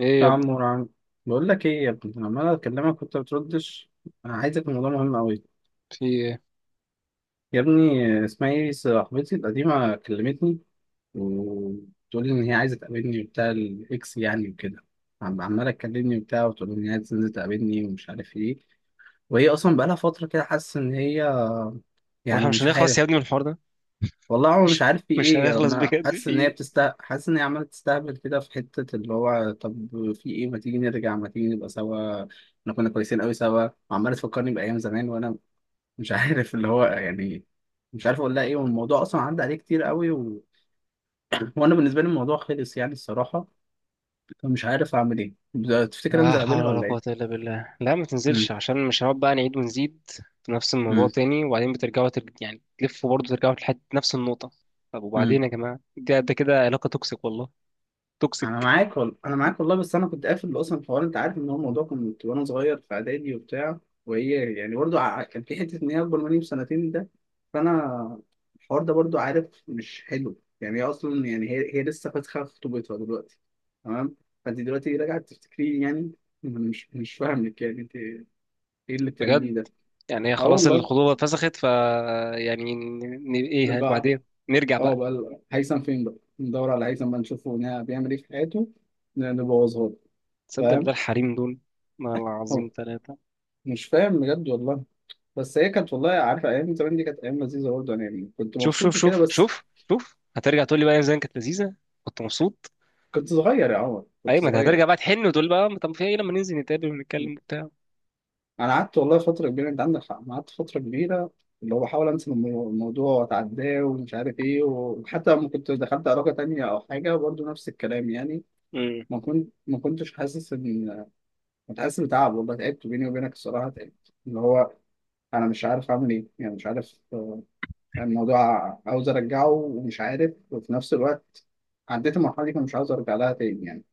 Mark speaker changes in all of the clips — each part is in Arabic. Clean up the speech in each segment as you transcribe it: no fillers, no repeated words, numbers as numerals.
Speaker 1: ايه
Speaker 2: يا
Speaker 1: يا ابني؟
Speaker 2: عم ورعم. بقول لك ايه يا ابني، أنا عمال اكلمك وانت بتردش. انا عايزك، الموضوع مهم قوي.
Speaker 1: في ايه؟
Speaker 2: يا ابني اسمها ايه، صاحبتي القديمه كلمتني وتقول لي ان هي عايزه تقابلني وبتاع الاكس يعني وكده. عماله تكلمني وبتاع وتقول لي ان هي عايزه تنزل تقابلني ومش عارف ايه. وهي اصلا بقالها فتره كده حاسه ان هي
Speaker 1: واحنا
Speaker 2: يعني
Speaker 1: مش
Speaker 2: مش
Speaker 1: هنخلص يا
Speaker 2: عارف.
Speaker 1: ابني من الحوار ده؟
Speaker 2: والله هو مش
Speaker 1: مش
Speaker 2: عارف في
Speaker 1: مش
Speaker 2: ايه، يعني
Speaker 1: هنخلص
Speaker 2: انا
Speaker 1: بجد،
Speaker 2: حاسس
Speaker 1: في
Speaker 2: ان هي
Speaker 1: ايه؟
Speaker 2: بتست، حاسس ان هي عماله تستهبل كده في حته اللي هو طب في ايه ما تيجي نرجع ما تيجي نبقى سوا، احنا كنا كويسين قوي سوا، وعماله تفكرني بايام زمان وانا مش عارف اللي هو يعني. مش عارف اقول لها ايه، والموضوع اصلا عدى عليه كتير قوي وانا بالنسبه لي الموضوع خلص يعني الصراحه. فمش عارف اعمل ايه، تفتكر
Speaker 1: لا
Speaker 2: انزل
Speaker 1: حول
Speaker 2: اقابلها
Speaker 1: ولا
Speaker 2: ولا ايه؟
Speaker 1: قوة إلا بالله. لا، ما
Speaker 2: امم.
Speaker 1: تنزلش، عشان مش هنقعد بقى نعيد ونزيد في نفس الموضوع
Speaker 2: امم.
Speaker 1: تاني، وبعدين بترجعوا يعني تلفوا برضه ترجعوا لحد نفس النقطة. طب
Speaker 2: امم.
Speaker 1: وبعدين يا جماعة، ده ده كده علاقة توكسيك والله.
Speaker 2: انا
Speaker 1: توكسيك
Speaker 2: معاك والله، انا معاك والله، بس انا كنت قافل اصلا الحوار، انت عارف ان هو الموضوع كنت وانا صغير في اعدادي وبتاع. وهي يعني برضو كان في حته ان هي اكبر مني بسنتين ده. فانا الحوار ده برضو عارف مش حلو يعني، هي اصلا يعني هي لسه فاتحه خطوبتها دلوقتي، تمام؟ فانت دلوقتي راجعه تفتكرين يعني، مش فاهمك يعني، انت ايه اللي
Speaker 1: بجد.
Speaker 2: بتعمليه ده؟
Speaker 1: يعني هي
Speaker 2: اه
Speaker 1: خلاص
Speaker 2: والله.
Speaker 1: الخطوبة اتفسخت، ف يعني ن...
Speaker 2: لا بقى.
Speaker 1: بعدين نرجع
Speaker 2: اه
Speaker 1: بقى؟
Speaker 2: بقى هيثم فين بقى، ندور على هيثم بقى، نشوفه هنا بيعمل ايه في حياته، نبوظها له.
Speaker 1: تصدق بالله
Speaker 2: فاهم.
Speaker 1: الحريم دول، والله العظيم تلاتة.
Speaker 2: مش فاهم بجد والله. بس هي كانت، والله عارفه ايام زمان دي كانت ايام لذيذه برضه، انا يعني كنت
Speaker 1: شوف شوف
Speaker 2: مبسوط وكده،
Speaker 1: شوف
Speaker 2: بس
Speaker 1: شوف، شوف هترجع تقول لي بقى يا زين كانت لذيذه، كنت مبسوط.
Speaker 2: كنت صغير يا عمر، كنت
Speaker 1: ايوه، ما انت هترجع
Speaker 2: صغير.
Speaker 1: بقى تحن وتقول بقى طب في ايه لما ننزل نتقابل ونتكلم وبتاع.
Speaker 2: انا قعدت والله فتره كبيره، انت عندك حق، أنا قعدت فتره كبيره اللي هو بحاول انسى الموضوع واتعداه ومش عارف ايه، وحتى لما كنت دخلت علاقه تانية او حاجه برضه نفس الكلام يعني.
Speaker 1: امم
Speaker 2: ما كنتش حاسس ان، كنت حاسس بتعب والله، تعبت بيني وبينك الصراحه، تعبت اللي هو انا مش عارف اعمل ايه يعني، مش عارف يعني الموضوع عاوز ارجعه ومش عارف، وفي نفس الوقت عديت المرحله دي فمش عاوز ارجع لها تاني يعني.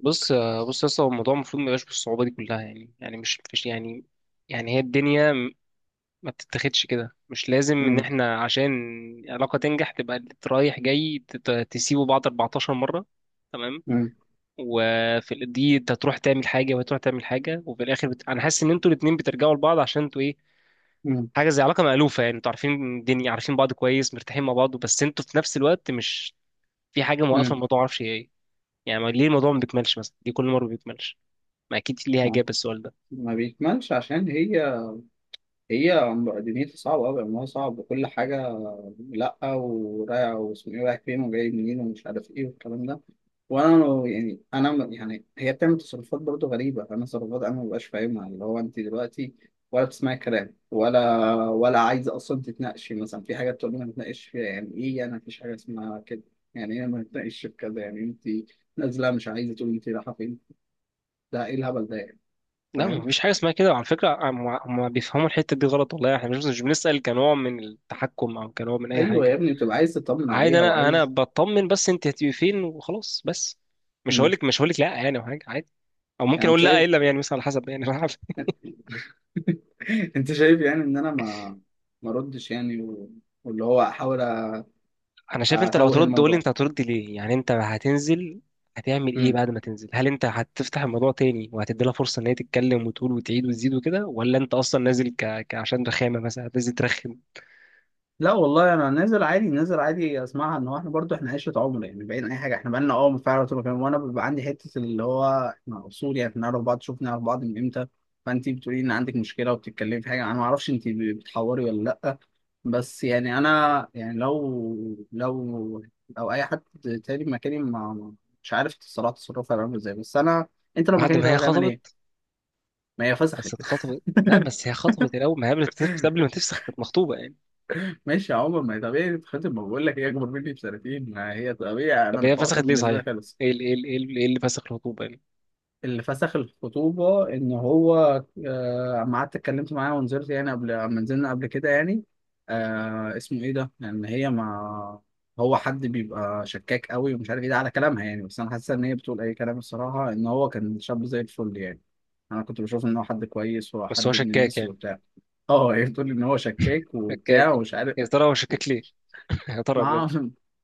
Speaker 1: بص، بص يا اسطى، هو الموضوع المفروض ما يبقاش بالصعوبه دي كلها، يعني يعني مش مش يعني يعني هي الدنيا ما بتتاخدش كده. مش لازم ان
Speaker 2: امم.
Speaker 1: احنا عشان علاقه تنجح تبقى اللي رايح جاي تسيبوا بعض 14 مره، تمام؟
Speaker 2: امم.
Speaker 1: وفي دي انت تروح تعمل حاجه وهتروح تعمل حاجه، وفي الاخر انا حاسس ان انتوا الاثنين بترجعوا لبعض عشان انتوا ايه،
Speaker 2: امم.
Speaker 1: حاجه زي علاقه مألوفه، يعني انتوا عارفين الدنيا، عارفين بعض كويس، مرتاحين مع بعض، بس انتوا في نفس الوقت مش، في حاجه موقفه
Speaker 2: امم.
Speaker 1: الموضوع معرفش هي ايه. يعني ليه الموضوع ما بيكملش؟ مثلا ليه كل مره ما بيكملش؟ ما اكيد ليها
Speaker 2: آه.
Speaker 1: اجابه السؤال ده.
Speaker 2: ما بيكملش عشان هي، هي دنيتي صعبه قوي، امرها صعب وكل حاجه. لا، ورايح واسمه ايه، رايح فين وجاي منين ومش عارف ايه والكلام ده. وانا يعني انا يعني هي بتعمل تصرفات برضه غريبه، انا تصرفات انا مبقاش فاهمها، اللي هو انت دلوقتي ولا بتسمعي كلام ولا عايزه اصلا تتناقشي، مثلا في حاجه تقول لي ما نتناقش فيها يعني ايه، انا مفيش حاجه اسمها كده. يعني ايه ما نتناقش في كذا يعني، انت نازله مش عايزه تقولي انت رايحه فين، ده ايه الهبل ده يعني؟
Speaker 1: لا، ما
Speaker 2: فاهم.
Speaker 1: فيش حاجه اسمها كده. وعلى فكره، هم بيفهموا الحته دي غلط والله. احنا مش بنسأل كنوع من التحكم او كنوع من اي
Speaker 2: ايوه يا
Speaker 1: حاجه.
Speaker 2: ابني بتبقى عايز تطمن
Speaker 1: عادي،
Speaker 2: عليها
Speaker 1: انا
Speaker 2: وعايز.
Speaker 1: بطمن، بس انت هتبقي فين وخلاص. بس مش
Speaker 2: مم.
Speaker 1: هقولك مش هقولك لا يعني او حاجه. عادي. او ممكن
Speaker 2: يعني أنت
Speaker 1: اقول لا،
Speaker 2: شايف
Speaker 1: الا يعني مثلا على حسب يعني.
Speaker 2: انت شايف يعني ان انا ما ردش يعني، واللي هو احاول
Speaker 1: انا شايف انت لو
Speaker 2: اتوه
Speaker 1: هترد قول لي
Speaker 2: الموضوع.
Speaker 1: انت هترد ليه. يعني انت هتنزل هتعمل ايه بعد ما تنزل؟ هل انت هتفتح الموضوع تاني وهتدي لها فرصه ان هي تتكلم وتقول وتعيد وتزيد وكده، ولا انت اصلا نازل عشان رخامه مثلا، هتنزل ترخم؟
Speaker 2: لا والله انا نازل عادي، نازل عادي اسمعها، ان هو احنا برضو احنا عشره عمر يعني، بعيد عن اي حاجه احنا بقالنا اه فعلا طول الوقت. وانا بيبقى عندي حته اللي هو احنا اصول يعني، بنعرف بعض، شوفنا نعرف بعض من امتى. فانت بتقولي ان عندك مشكله وبتتكلمي في حاجه، انا ما اعرفش انت بتحوري ولا لا. بس يعني انا يعني، لو لو اي حد تاني مكاني مش عارف الصراحه تصرفها هيبقى عامل ازاي، بس انا انت لو
Speaker 1: بعد
Speaker 2: مكاني
Speaker 1: ما
Speaker 2: طب
Speaker 1: هي
Speaker 2: هتعمل
Speaker 1: خطبت،
Speaker 2: ايه؟ ما هي فسخت.
Speaker 1: بس اتخطبت. لا بس هي خطبت الاول، ما هي قبل ما تفسخ كانت مخطوبه يعني.
Speaker 2: ماشي يا عمر، ما هي طبيعي تتخطب، ما بقول لك هي اكبر مني بسنتين، ما هي طبيعي، انا
Speaker 1: طب هي
Speaker 2: الحوار
Speaker 1: فسخت
Speaker 2: كان
Speaker 1: ليه
Speaker 2: بالنسبه لي
Speaker 1: صحيح؟
Speaker 2: خالص.
Speaker 1: إيه اللي فسخ الخطوبه يعني؟
Speaker 2: اللي فسخ الخطوبه ان هو اما قعدت اتكلمت معاه ونزلت يعني، قبل اما نزلنا قبل كده يعني، اسمه ايه ده، لان هي ما، هو حد بيبقى شكاك قوي ومش عارف ايه ده على كلامها يعني، بس انا حاسه ان هي بتقول اي كلام الصراحه، ان هو كان شاب زي الفل يعني. انا كنت بشوف ان هو حد كويس
Speaker 1: بس هو
Speaker 2: وحد ابن
Speaker 1: شكاك
Speaker 2: ناس
Speaker 1: يعني؟
Speaker 2: وبتاع. اه هي بتقول ان هو شكاك
Speaker 1: شكاك.
Speaker 2: وبتاع ومش عارف.
Speaker 1: يا ترى هو شكاك ليه؟ يا ترى.
Speaker 2: ما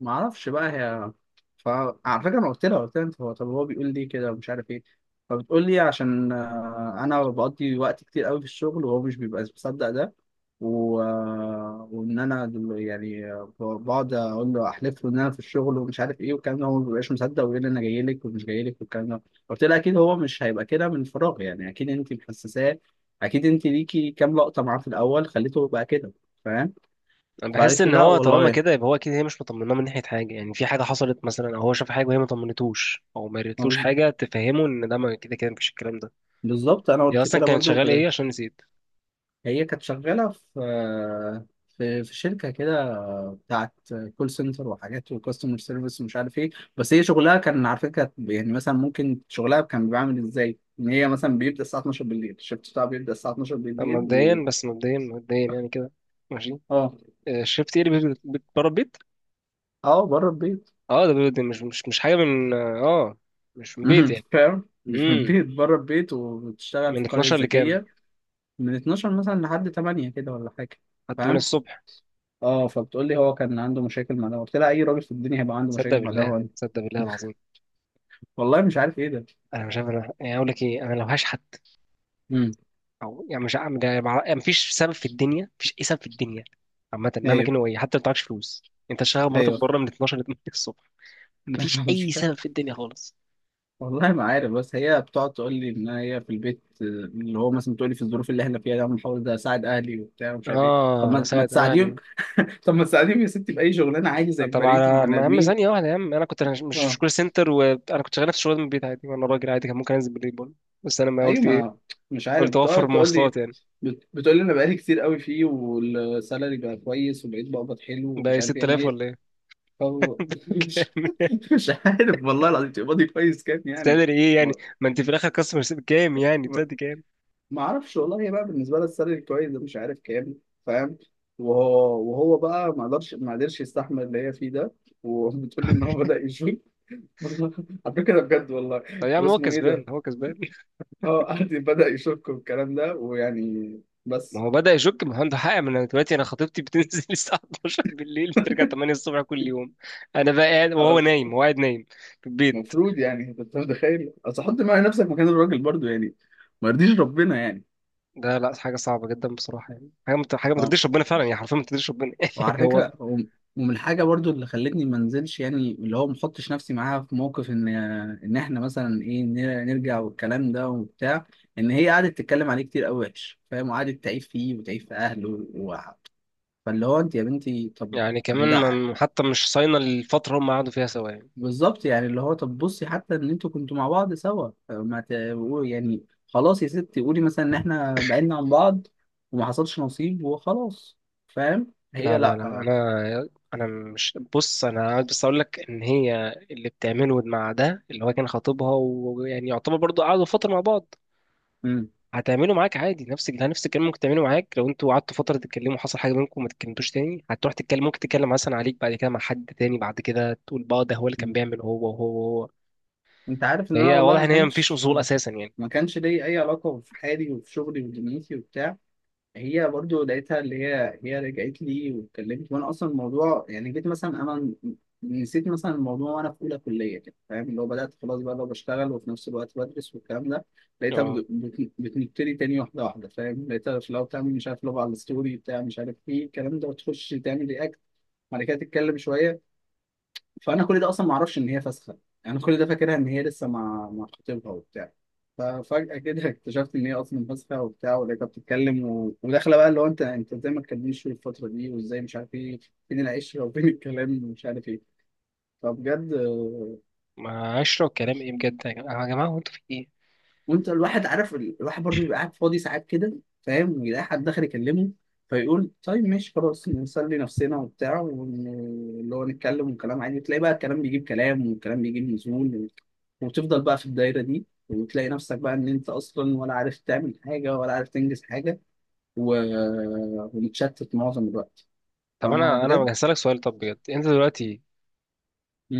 Speaker 2: ما اعرفش بقى هي. فعلى فكره انا قلت لها انت هو طب، هو بيقول لي كده ومش عارف ايه، فبتقول لي عشان انا بقضي وقت كتير قوي في الشغل، وهو مش بيبقى مصدق ده، و... آه، وان انا يعني بقعد اقول له احلف له ان انا في الشغل ومش عارف ايه والكلام ده، هو ما بيبقاش مصدق ويقول لي انا جاي لك ومش جاي لك والكلام ده. قلت لها اكيد هو مش هيبقى كده من فراغ يعني، اكيد انت محسساه، اكيد انت ليكي كام لقطه معاه في الاول خليته يبقى كده. فاهم.
Speaker 1: انا بحس
Speaker 2: فقالت لي
Speaker 1: ان
Speaker 2: لا
Speaker 1: هو طالما
Speaker 2: والله.
Speaker 1: كده يبقى هو اكيد، هي مش مطمناه من ناحيه حاجه، يعني في حاجه حصلت مثلا او هو شاف حاجه وهي ما طمنتوش او ما قالتلوش حاجه تفهمه ان ده، ما كده كده مفيش الكلام ده.
Speaker 2: بالظبط، انا
Speaker 1: هي
Speaker 2: قلت
Speaker 1: اصلا
Speaker 2: كده
Speaker 1: كانت
Speaker 2: برضو
Speaker 1: شغاله
Speaker 2: كده.
Speaker 1: ايه عشان نسيت؟
Speaker 2: هي كانت شغاله في، في شركه كده بتاعت كول سنتر وحاجات وكاستمر سيرفيس ومش عارف ايه. بس هي شغلها كان على فكره، كانت يعني مثلا ممكن شغلها كان بيعمل ازاي ان هي مثلا بيبدا الساعه 12 بالليل، الشفت بتاعها بيبدا الساعه 12 بالليل
Speaker 1: مبدئيا، بس مبدئيا يعني كده. ماشي.
Speaker 2: اه.
Speaker 1: آه، شفت ايه اللي بره البيت؟
Speaker 2: اه، بره البيت.
Speaker 1: اه، ده مش حاجه من، اه مش من بيت يعني.
Speaker 2: فاهم؟ مش من
Speaker 1: امم،
Speaker 2: البيت، بره البيت، وبتشتغل في
Speaker 1: من
Speaker 2: قريه
Speaker 1: 12 لكام؟
Speaker 2: ذكيه من 12 مثلا لحد 8 كده ولا حاجه.
Speaker 1: حتى من
Speaker 2: فاهم.
Speaker 1: الصبح.
Speaker 2: اه فبتقول لي هو كان عنده مشاكل مع ده، قلت لها اي راجل في الدنيا هيبقى عنده
Speaker 1: صدق
Speaker 2: مشاكل مع ده
Speaker 1: بالله،
Speaker 2: هو.
Speaker 1: صدق بالله العظيم.
Speaker 2: والله مش عارف ايه ده.
Speaker 1: انا مش عارف، انا يعني اقول لك ايه، انا لو هشحت،
Speaker 2: امم.
Speaker 1: او يعني مش عم ده مع... يعني مفيش سبب في الدنيا، مفيش اي سبب في الدنيا. عامه مهما
Speaker 2: ايوه.
Speaker 1: كان هو ايه، حتى لو معكش فلوس، انت شغال، مراتك
Speaker 2: ايوه.
Speaker 1: بره من 12 ل 8 الصبح، مفيش
Speaker 2: مش
Speaker 1: اي
Speaker 2: فاهم.
Speaker 1: سبب في الدنيا خالص.
Speaker 2: والله ما عارف، بس هي بتقعد تقول لي ان هي في البيت، اللي هو مثلا بتقول لي في الظروف اللي احنا فيها ده أنا بحاول ده اساعد اهلي وبتاع ومش عارف ايه. طب
Speaker 1: اه
Speaker 2: ما
Speaker 1: ساعد
Speaker 2: تساعديهم،
Speaker 1: اهلي.
Speaker 2: طب ما تساعديهم يا ستي باي شغلانه عادي زي
Speaker 1: طبعا.
Speaker 2: بقيه البني
Speaker 1: انا يا عم،
Speaker 2: ادمين.
Speaker 1: ثانيه واحده يا عم، انا كنت مش
Speaker 2: اه.
Speaker 1: كول سنتر، وانا كنت شغال نفس الشغل من البيت عادي، وانا راجل عادي كان ممكن انزل بالليل برضه، بس انا ما
Speaker 2: ايوه،
Speaker 1: قلت ايه،
Speaker 2: ما مش عارف
Speaker 1: قلت اوفر
Speaker 2: بتقعد تقول
Speaker 1: المواصلات
Speaker 2: لي،
Speaker 1: يعني.
Speaker 2: بتقول لي انا بقالي كتير قوي فيه، والسالري بقى كويس وبقيت بقبض حلو
Speaker 1: ده
Speaker 2: ومش
Speaker 1: إيه،
Speaker 2: عارف يعني
Speaker 1: 6000
Speaker 2: ايه.
Speaker 1: ولا ايه؟
Speaker 2: طب مش
Speaker 1: كام؟
Speaker 2: مش عارف والله العظيم، تقبضي كويس كام يعني؟
Speaker 1: استقدر ايه يعني؟ ما انت في الاخر كاستمر كام يعني، بتاعتي كام؟
Speaker 2: ما اعرفش والله، هي بقى بالنسبه لها السالري كويس ده، مش عارف كام. فاهم. وهو بقى ما قدرش يستحمل اللي هي فيه ده، وبتقول لي ان هو بدا يشك. على فكره بجد والله.
Speaker 1: طب يا عم هو
Speaker 2: واسمه ايه
Speaker 1: كسبان،
Speaker 2: ده،
Speaker 1: هو كسبان.
Speaker 2: اه قعد بدا يشك والكلام ده ويعني،
Speaker 1: ما
Speaker 2: بس
Speaker 1: هو بدأ يشك، ما هو عنده حق. ما انا دلوقتي، انا خطيبتي بتنزل الساعة 12 بالليل، بترجع 8 الصبح كل يوم. انا بقى قاعد وهو
Speaker 2: آه،
Speaker 1: نايم، هو قاعد نايم في البيت.
Speaker 2: المفروض يعني، انت متخيل، اصل حط معايا نفسك مكان الراجل برضو يعني، ما يرضيش ربنا يعني.
Speaker 1: ده لا، حاجة صعبة جدا بصراحة. يعني حاجة ما ترضيش ربنا فعلا، يعني حرفيا ما ترضيش ربنا
Speaker 2: وعلى
Speaker 1: يعني هو.
Speaker 2: فكرة ومن الحاجة برضو اللي خلتني ما انزلش، يعني اللي هو ما احطش نفسي معاها في موقف ان احنا مثلا ايه نرجع والكلام ده وبتاع، ان هي قعدت تتكلم عليه كتير قوي وحش فاهم، وقعدت تعيب فيه وتعيب في اهله فاللي هو انت يا بنتي طب
Speaker 1: يعني كمان
Speaker 2: ده
Speaker 1: ما... حتى مش صاينة الفترة هم قعدوا فيها سوا يعني.
Speaker 2: بالظبط يعني، اللي هو طب بصي، حتى ان انتوا كنتوا مع بعض سوا ما ت... يعني خلاص يا ستي قولي مثلا ان احنا بعدنا عن بعض وما حصلش نصيب وخلاص. فاهم.
Speaker 1: لا
Speaker 2: هي
Speaker 1: لا لا،
Speaker 2: لا.
Speaker 1: انا مش، بص انا عايز بس اقول لك ان هي اللي بتعمله مع ده اللي هو كان خطيبها، ويعني يعتبر برضو قعدوا فترة مع بعض،
Speaker 2: امم.
Speaker 1: هتعمله معاك عادي، نفس نفس الكلام ممكن تعمله معاك. لو انتوا قعدتوا فتره تتكلموا، حصل حاجه بينكم وما تتكلمتوش تاني، هتروح تتكلم، ممكن تتكلم مثلا عليك بعد كده مع حد تاني، بعد كده تقول بقى ده هو اللي كان بيعمل هو وهو وهو.
Speaker 2: انت عارف ان انا
Speaker 1: فهي
Speaker 2: والله،
Speaker 1: واضح ان هي مفيش اصول اساسا يعني.
Speaker 2: ما كانش لي اي علاقه، في حالي وفي شغلي ودنيتي وبتاع. هي برضو لقيتها، اللي هي رجعت لي واتكلمت، وانا اصلا الموضوع يعني جيت مثلا انا ن- نسيت مثلا الموضوع، وانا في اولى كليه كده فاهم، اللي هو بدات خلاص بقى لو بشتغل، وفي نفس الوقت بدرس والكلام ده. لقيتها
Speaker 1: اه،
Speaker 2: بتنكتلي تاني واحده واحده فاهم، لقيتها في الاول بتعمل مش عارف، لو على الستوري بتاع مش عارف ايه الكلام ده، وتخش تعمل رياكت، بعد كده تتكلم شويه. فانا كل ده اصلا ما اعرفش ان هي فاسخه، يعني انا كل ده فاكرها ان هي لسه مع خطيبها وبتاع. ففجاه كده اكتشفت ان هي اصلا فاسخه وبتاع، ولقيتها بتتكلم وداخله بقى اللي هو انت ازاي ما تكلمنيش في الفتره دي، وازاي مش عارف ايه، فين العشره وفين الكلام ومش عارف ايه. فبجد.
Speaker 1: ما اشرب كلام ايه بجد يا جماعه، يا جماعة، هو انتوا في ايه؟
Speaker 2: وانت الواحد عارف الواحد برضو بيبقى قاعد فاضي ساعات كده فاهم، ويلاقي حد داخل يكلمه، فيقول طيب ماشي خلاص نسلي نفسنا وبتاع اللي هو نتكلم وكلام عادي، تلاقي بقى الكلام بيجيب كلام، والكلام بيجيب نزول، وتفضل بقى في الدايرة دي، وتلاقي نفسك بقى ان انت اصلا ولا عارف تعمل حاجة ولا عارف تنجز حاجة، و... ومتشتت معظم الوقت.
Speaker 1: طب
Speaker 2: فاهم
Speaker 1: انا
Speaker 2: بجد؟
Speaker 1: هسألك سؤال، طب بجد، انت دلوقتي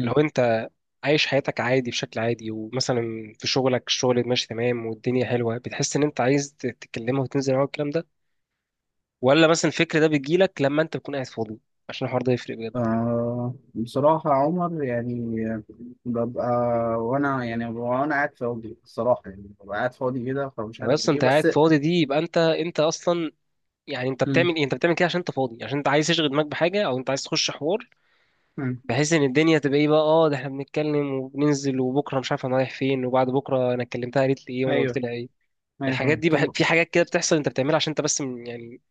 Speaker 1: لو انت عايش حياتك عادي بشكل عادي، ومثلا في شغلك الشغل ماشي تمام والدنيا حلوه، بتحس ان انت عايز تتكلمها وتنزل معاها الكلام ده، ولا مثلا الفكر ده بيجيلك لما انت بتكون قاعد فاضي؟ عشان الحوار ده يفرق بجد.
Speaker 2: آه بصراحة يا عمر يعني، ببقى وأنا يعني وأنا قاعد فاضي الصراحة، يعني ببقى قاعد فاضي كده فمش
Speaker 1: هو
Speaker 2: عارف
Speaker 1: اصلا
Speaker 2: إيه،
Speaker 1: انت
Speaker 2: بس.
Speaker 1: قاعد فاضي دي يبقى انت اصلا، يعني انت
Speaker 2: مم.
Speaker 1: بتعمل ايه؟ انت بتعمل كده عشان انت فاضي، عشان انت عايز تشغل دماغك بحاجه، او انت عايز تخش حوار،
Speaker 2: مم.
Speaker 1: بحيث ان الدنيا تبقى ايه بقى، اه ده احنا بنتكلم وبننزل، وبكره مش عارف انا رايح فين، وبعد بكره انا كلمتها قالت لي ايه وانا قلت
Speaker 2: أيوه.
Speaker 1: لها ايه.
Speaker 2: أيوه فاهم، طب.
Speaker 1: في حاجات كده بتحصل انت بتعملها عشان انت بس يعني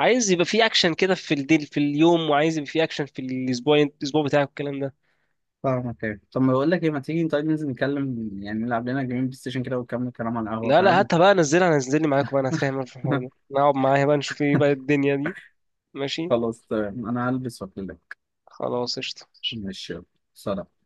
Speaker 1: عايز يبقى في اكشن كده في الديل في اليوم، وعايز يبقى في اكشن في الاسبوع، الاسبوع بتاعك والكلام ده.
Speaker 2: فاهمك، أيوه طب ما بقول لك إيه، ما تيجي طيب ننزل نتكلم، يعني نلعب لنا جيمين بلاي ستيشن كده، ونكمل كلام على القهوة،
Speaker 1: لا لا،
Speaker 2: فاهم.
Speaker 1: هاتها بقى، نزلها، نزلني معاكم بقى، انا هتفاهم أنا في الحوار ده. نقعد معايا بقى نشوف ايه بقى الدنيا دي. ماشي،
Speaker 2: خلاص تمام، أنا هلبس وأكلمك.
Speaker 1: خلاص، قشطة.
Speaker 2: ماشي، يلا. سلام.